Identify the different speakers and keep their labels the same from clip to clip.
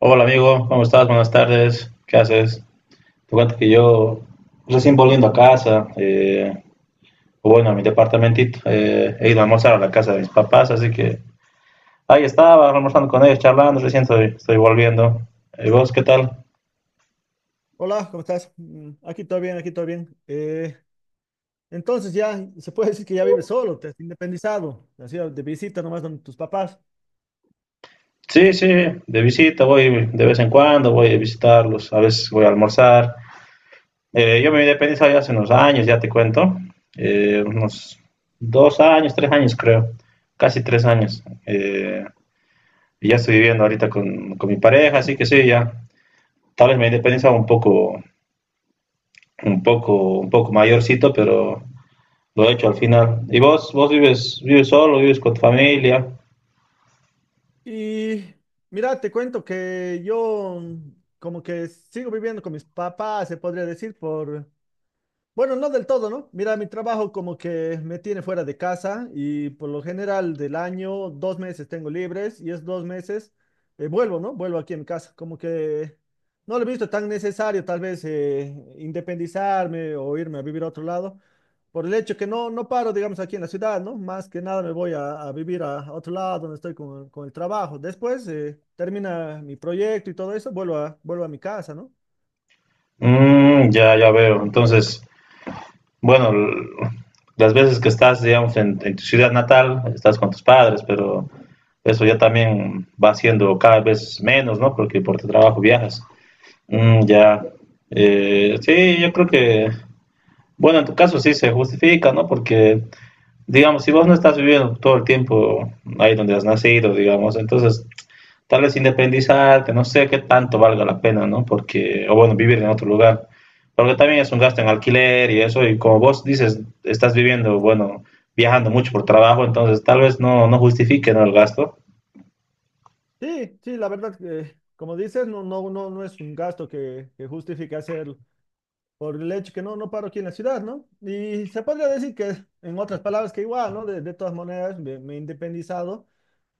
Speaker 1: Hola amigo, ¿cómo estás? Buenas tardes, ¿qué haces? Te cuento que yo recién volviendo a casa, o bueno, a mi departamentito, he ido a almorzar a la casa de mis papás, así que ahí estaba almorzando con ellos, charlando, recién estoy volviendo. ¿Y vos qué tal?
Speaker 2: Hola, ¿cómo estás? Mm, aquí todo bien, aquí todo bien. Entonces ya se puede decir que ya vives solo, te has independizado, te has ido de visita nomás donde tus papás.
Speaker 1: Sí, sí, de visita voy de vez en cuando, voy a visitarlos, a veces voy a almorzar. Yo me independicé ya hace unos años, ya te cuento, unos 2 años, 3 años creo, casi 3 años. Y ya estoy viviendo ahorita con mi pareja, así que sí, ya. Tal vez me independizaba un poco, un poco mayorcito, pero lo he hecho al final. ¿Y vos vives solo, vives con tu familia?
Speaker 2: Y mira, te cuento que yo como que sigo viviendo con mis papás, se podría decir, bueno, no del todo, ¿no? Mira, mi trabajo como que me tiene fuera de casa y por lo general del año dos meses tengo libres y es dos meses vuelvo, ¿no? Vuelvo aquí en casa. Como que no lo he visto tan necesario tal vez, independizarme o irme a vivir a otro lado por el hecho que no, no paro, digamos, aquí en la ciudad, ¿no? Más que nada me voy a vivir a otro lado donde estoy con el trabajo. Después termina mi proyecto y todo eso, vuelvo a mi casa, ¿no?
Speaker 1: Mm, ya, ya veo. Entonces, bueno, las veces que estás, digamos, en tu ciudad natal, estás con tus padres, pero eso ya también va siendo cada vez menos, ¿no? Porque por tu trabajo viajas. Mm, ya. Sí, yo creo que. Bueno, en tu caso sí se justifica, ¿no? Porque, digamos, si vos no estás viviendo todo el tiempo ahí donde has nacido, digamos, entonces tal vez independizarte, no sé qué tanto valga la pena, ¿no? Porque, o bueno, vivir en otro lugar, porque también es un gasto en alquiler y eso, y como vos dices, estás viviendo, bueno, viajando mucho por trabajo, entonces tal vez no justifique, ¿no? El gasto.
Speaker 2: Sí, sí, la verdad que, como dices, no, no, no, no es un gasto que justifique hacerlo por el hecho que no, no paro aquí en la ciudad, ¿no? Y se podría decir que, en otras palabras, que igual, ¿no? De todas maneras, me he independizado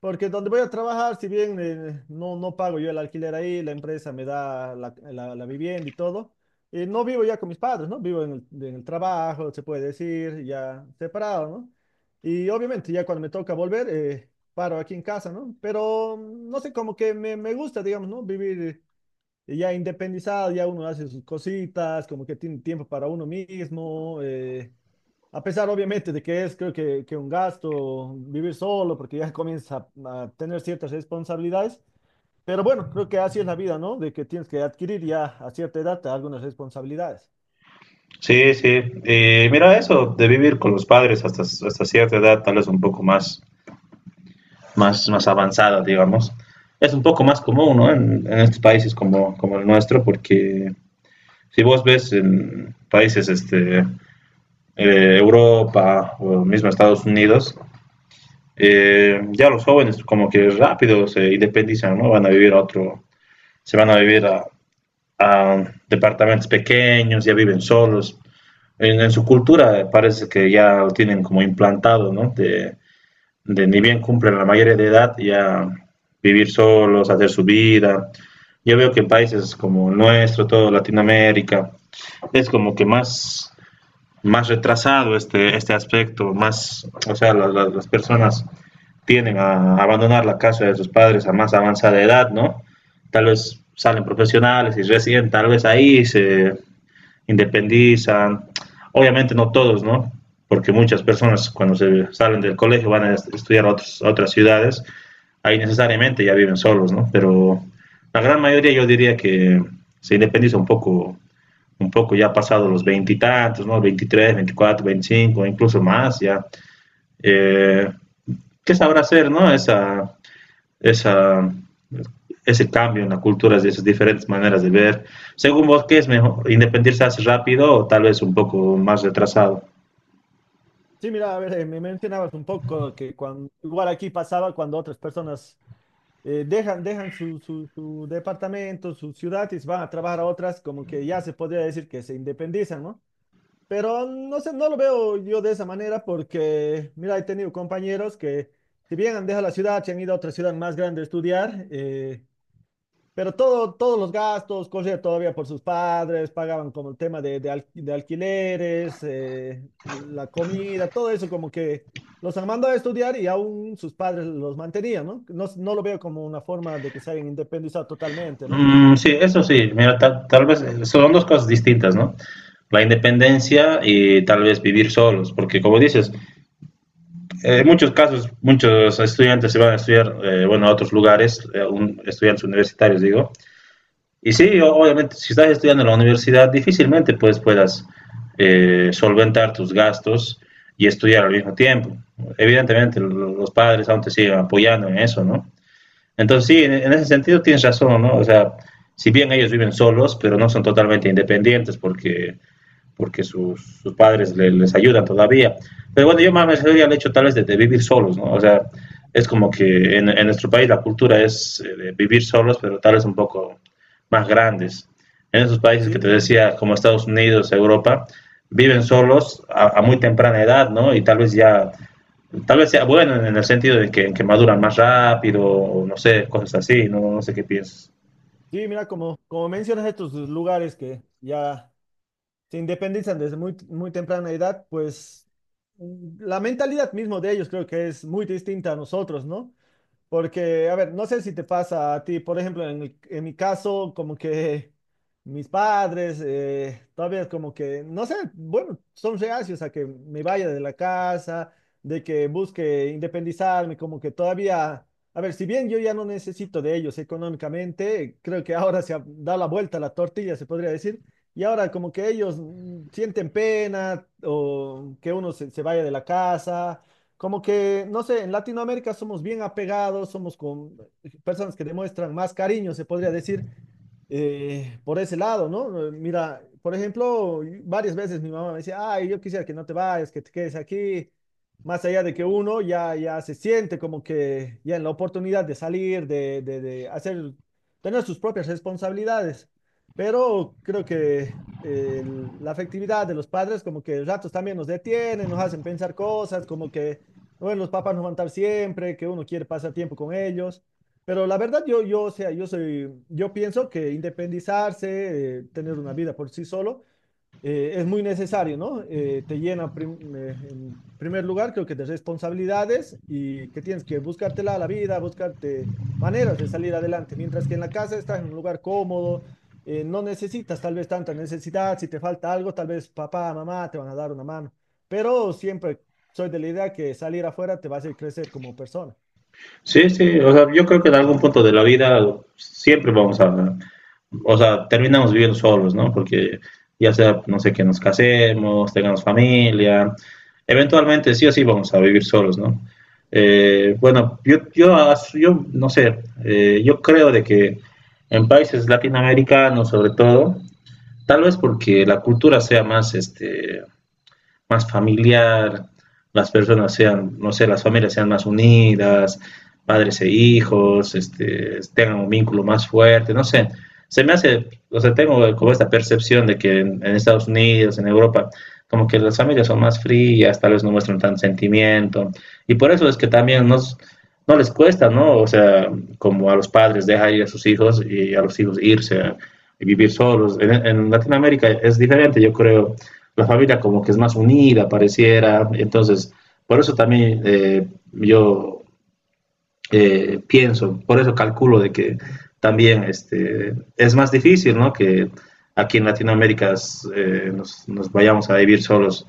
Speaker 2: porque donde voy a trabajar, si bien no, no pago yo el alquiler ahí, la empresa me da la vivienda y todo, no vivo ya con mis padres, ¿no? Vivo en el trabajo, se puede decir, ya separado, ¿no? Y obviamente ya cuando me toca volver, paro aquí en casa, ¿no? Pero no sé, como que me gusta, digamos, ¿no? Vivir ya independizado, ya uno hace sus cositas, como que tiene tiempo para uno mismo. A pesar, obviamente, de que es, creo que un gasto vivir solo, porque ya comienza a tener ciertas responsabilidades. Pero bueno, creo que así es la vida, ¿no? De que tienes que adquirir ya a cierta edad algunas responsabilidades.
Speaker 1: Sí, sí. Y mira, eso de vivir con los padres hasta cierta edad, tal vez un poco más avanzada, digamos. Es un poco más común, ¿no? En estos países como el nuestro, porque si vos ves en países este, Europa o mismo Estados Unidos, ya los jóvenes como que rápido se independizan, ¿no? van a vivir a otro, se van a vivir a departamentos pequeños, ya viven solos. En su cultura parece que ya lo tienen como implantado, ¿no? De ni bien cumplen la mayoría de edad ya vivir solos, hacer su vida. Yo veo que en países como el nuestro, todo Latinoamérica, es como que más, más retrasado este aspecto, más, o sea, las personas tienden a abandonar la casa de sus padres a más avanzada edad, ¿no? Tal vez salen profesionales y recién, tal vez ahí se independizan. Obviamente no todos, ¿no? Porque muchas personas cuando se salen del colegio van a estudiar a otras ciudades, ahí necesariamente ya viven solos, ¿no? Pero la gran mayoría yo diría que se independiza un poco, ya pasado los veintitantos, ¿no? 23, 24, 25, incluso más, ya. Eh, ¿Qué sabrá hacer, no? Esa, ese cambio en la cultura, de esas diferentes maneras de ver. Según vos, ¿qué es mejor? ¿Independizarse rápido o tal vez un poco más retrasado?
Speaker 2: Sí, mira, a ver, me mencionabas un poco que cuando, igual aquí pasaba cuando otras personas dejan su departamento, su ciudad y se van a trabajar a otras, como que ya se podría decir que se independizan, ¿no? Pero no sé, no lo veo yo de esa manera porque, mira, he tenido compañeros que, si bien han dejado la ciudad, se han ido a otra ciudad más grande a estudiar, pero todos los gastos corrían todavía por sus padres, pagaban como el tema de alquileres, la comida, todo eso como que los han mandado a estudiar y aún sus padres los mantenían, ¿no? No, no lo veo como una forma de que se hayan independizado totalmente, ¿no?
Speaker 1: Mm, sí, eso sí, mira, tal vez son dos cosas distintas, ¿no? La independencia y tal vez vivir solos, porque como dices, en muchos casos muchos estudiantes se van a estudiar, bueno, a otros lugares, estudiantes universitarios digo. Y sí, obviamente, si estás estudiando en la universidad, difícilmente pues, puedas solventar tus gastos y estudiar al mismo tiempo. Evidentemente, los padres aún te siguen apoyando en eso, ¿no? Entonces, sí, en ese sentido tienes razón, ¿no? O sea, si bien ellos viven solos, pero no son totalmente independientes, porque sus padres les ayudan todavía. Pero bueno, yo más me al hecho tal vez de, vivir solos, ¿no? O sea, es como que en nuestro país la cultura es de vivir solos, pero tal vez un poco más grandes. En esos países
Speaker 2: Sí,
Speaker 1: que te
Speaker 2: mira.
Speaker 1: decía, como Estados Unidos, Europa, viven solos a muy temprana edad, ¿no? Y tal vez ya, tal vez sea bueno en el sentido de que maduran más rápido, o no sé, cosas así, no, no sé qué piensas.
Speaker 2: Sí, mira, como, como mencionas estos lugares que ya se independizan desde muy, muy temprana edad, pues la mentalidad mismo de ellos creo que es muy distinta a nosotros, ¿no? Porque, a ver, no sé si te pasa a ti, por ejemplo, en mi caso, como que mis padres todavía es como que, no sé, bueno, son reacios a que me vaya de la casa, de que busque independizarme, como que todavía, a ver, si bien yo ya no necesito de ellos económicamente, creo que ahora se ha dado la vuelta a la tortilla, se podría decir, y ahora como que ellos sienten pena o que uno se vaya de la casa como que, no sé, en Latinoamérica somos bien apegados, somos con personas que demuestran más cariño, se podría decir, por ese lado, ¿no? Mira, por ejemplo, varias veces mi mamá me decía, ay, yo quisiera que no te vayas, que te quedes aquí. Más allá de que uno ya se siente como que ya en la oportunidad de salir, de hacer, tener sus propias responsabilidades. Pero creo que la afectividad de los padres como que ratos también nos detienen, nos hacen pensar cosas, como que, bueno, los papás no van a estar siempre, que uno quiere pasar tiempo con ellos. Pero la verdad, o sea, yo pienso que independizarse, tener una vida por sí solo, es muy necesario, ¿no? Te llena, en primer lugar, creo que de responsabilidades y que tienes que buscártela a la vida, buscarte maneras de salir adelante, mientras que en la casa estás en un lugar cómodo, no necesitas tal vez tanta necesidad, si te falta algo, tal vez papá, mamá te van a dar una mano, pero siempre soy de la idea que salir afuera te va a hacer crecer como persona.
Speaker 1: Sí, sí, o sea, yo creo que en algún punto de la vida siempre vamos a, o sea, terminamos viviendo solos, ¿no? Porque ya sea, no sé, que nos casemos, tengamos familia, eventualmente sí o sí vamos a vivir solos, ¿no? Bueno, yo no sé, yo creo de que en países latinoamericanos sobre todo, tal vez porque la cultura sea más, más familiar, las personas sean, no sé, las familias sean más unidas, padres e hijos, tengan un vínculo más fuerte, no sé. Se me hace, o sea, tengo como esta percepción de que en Estados Unidos, en Europa, como que las familias son más frías, tal vez no muestran tanto sentimiento. Y por eso es que también no les cuesta, ¿no? O sea, como a los padres dejar ir a sus hijos y a los hijos irse y vivir solos. En Latinoamérica es diferente, yo creo, la familia como que es más unida, pareciera. Entonces, por eso también yo pienso, por eso calculo de que también es más difícil, ¿no? Que aquí en Latinoamérica vayamos a vivir solos,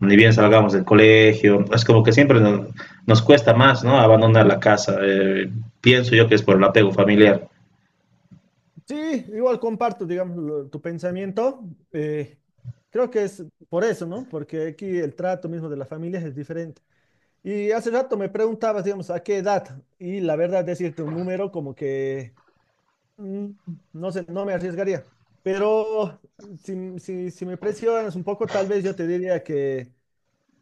Speaker 1: ni bien salgamos del colegio. Es como que siempre nos cuesta más, ¿no? Abandonar la casa. Pienso yo que es por el apego familiar.
Speaker 2: Sí, igual comparto, digamos, tu pensamiento. eh, Creo que es por eso, ¿no? Porque aquí el trato mismo de las familias es diferente. Y hace rato me preguntabas, digamos, a qué edad. Y la verdad, decirte un número como que, mm, no sé, no me arriesgaría. Pero si me presionas un poco, tal vez yo te diría que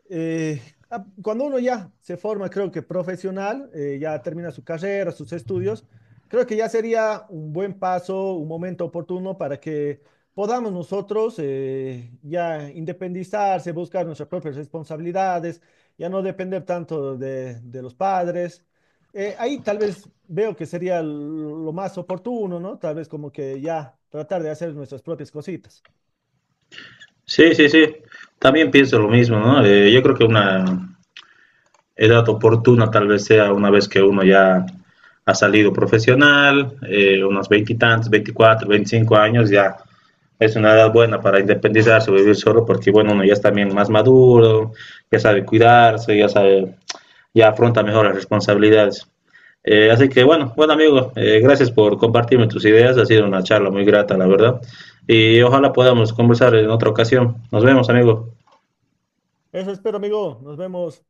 Speaker 2: eh, cuando uno ya se forma, creo que profesional, ya termina su carrera, sus estudios, creo que ya sería un buen paso, un momento oportuno para que podamos nosotros, ya independizarse, buscar nuestras propias responsabilidades, ya no depender tanto de los padres. Ahí tal vez veo que sería lo más oportuno, ¿no? Tal vez como que ya tratar de hacer nuestras propias cositas.
Speaker 1: Sí, sí, sí. También pienso lo mismo, ¿no? Yo creo que edad oportuna tal vez sea una vez que uno ya ha salido profesional, unos veintitantos, 24, 25 años, ya es una edad buena para independizarse, vivir solo, porque bueno, uno ya es también más maduro, ya sabe cuidarse, ya afronta mejor las responsabilidades. Así que bueno, bueno amigo, gracias por compartirme tus ideas, ha sido una charla muy grata, la verdad, y ojalá podamos conversar en otra ocasión. Nos vemos, amigo.
Speaker 2: Eso espero, amigo. Nos vemos.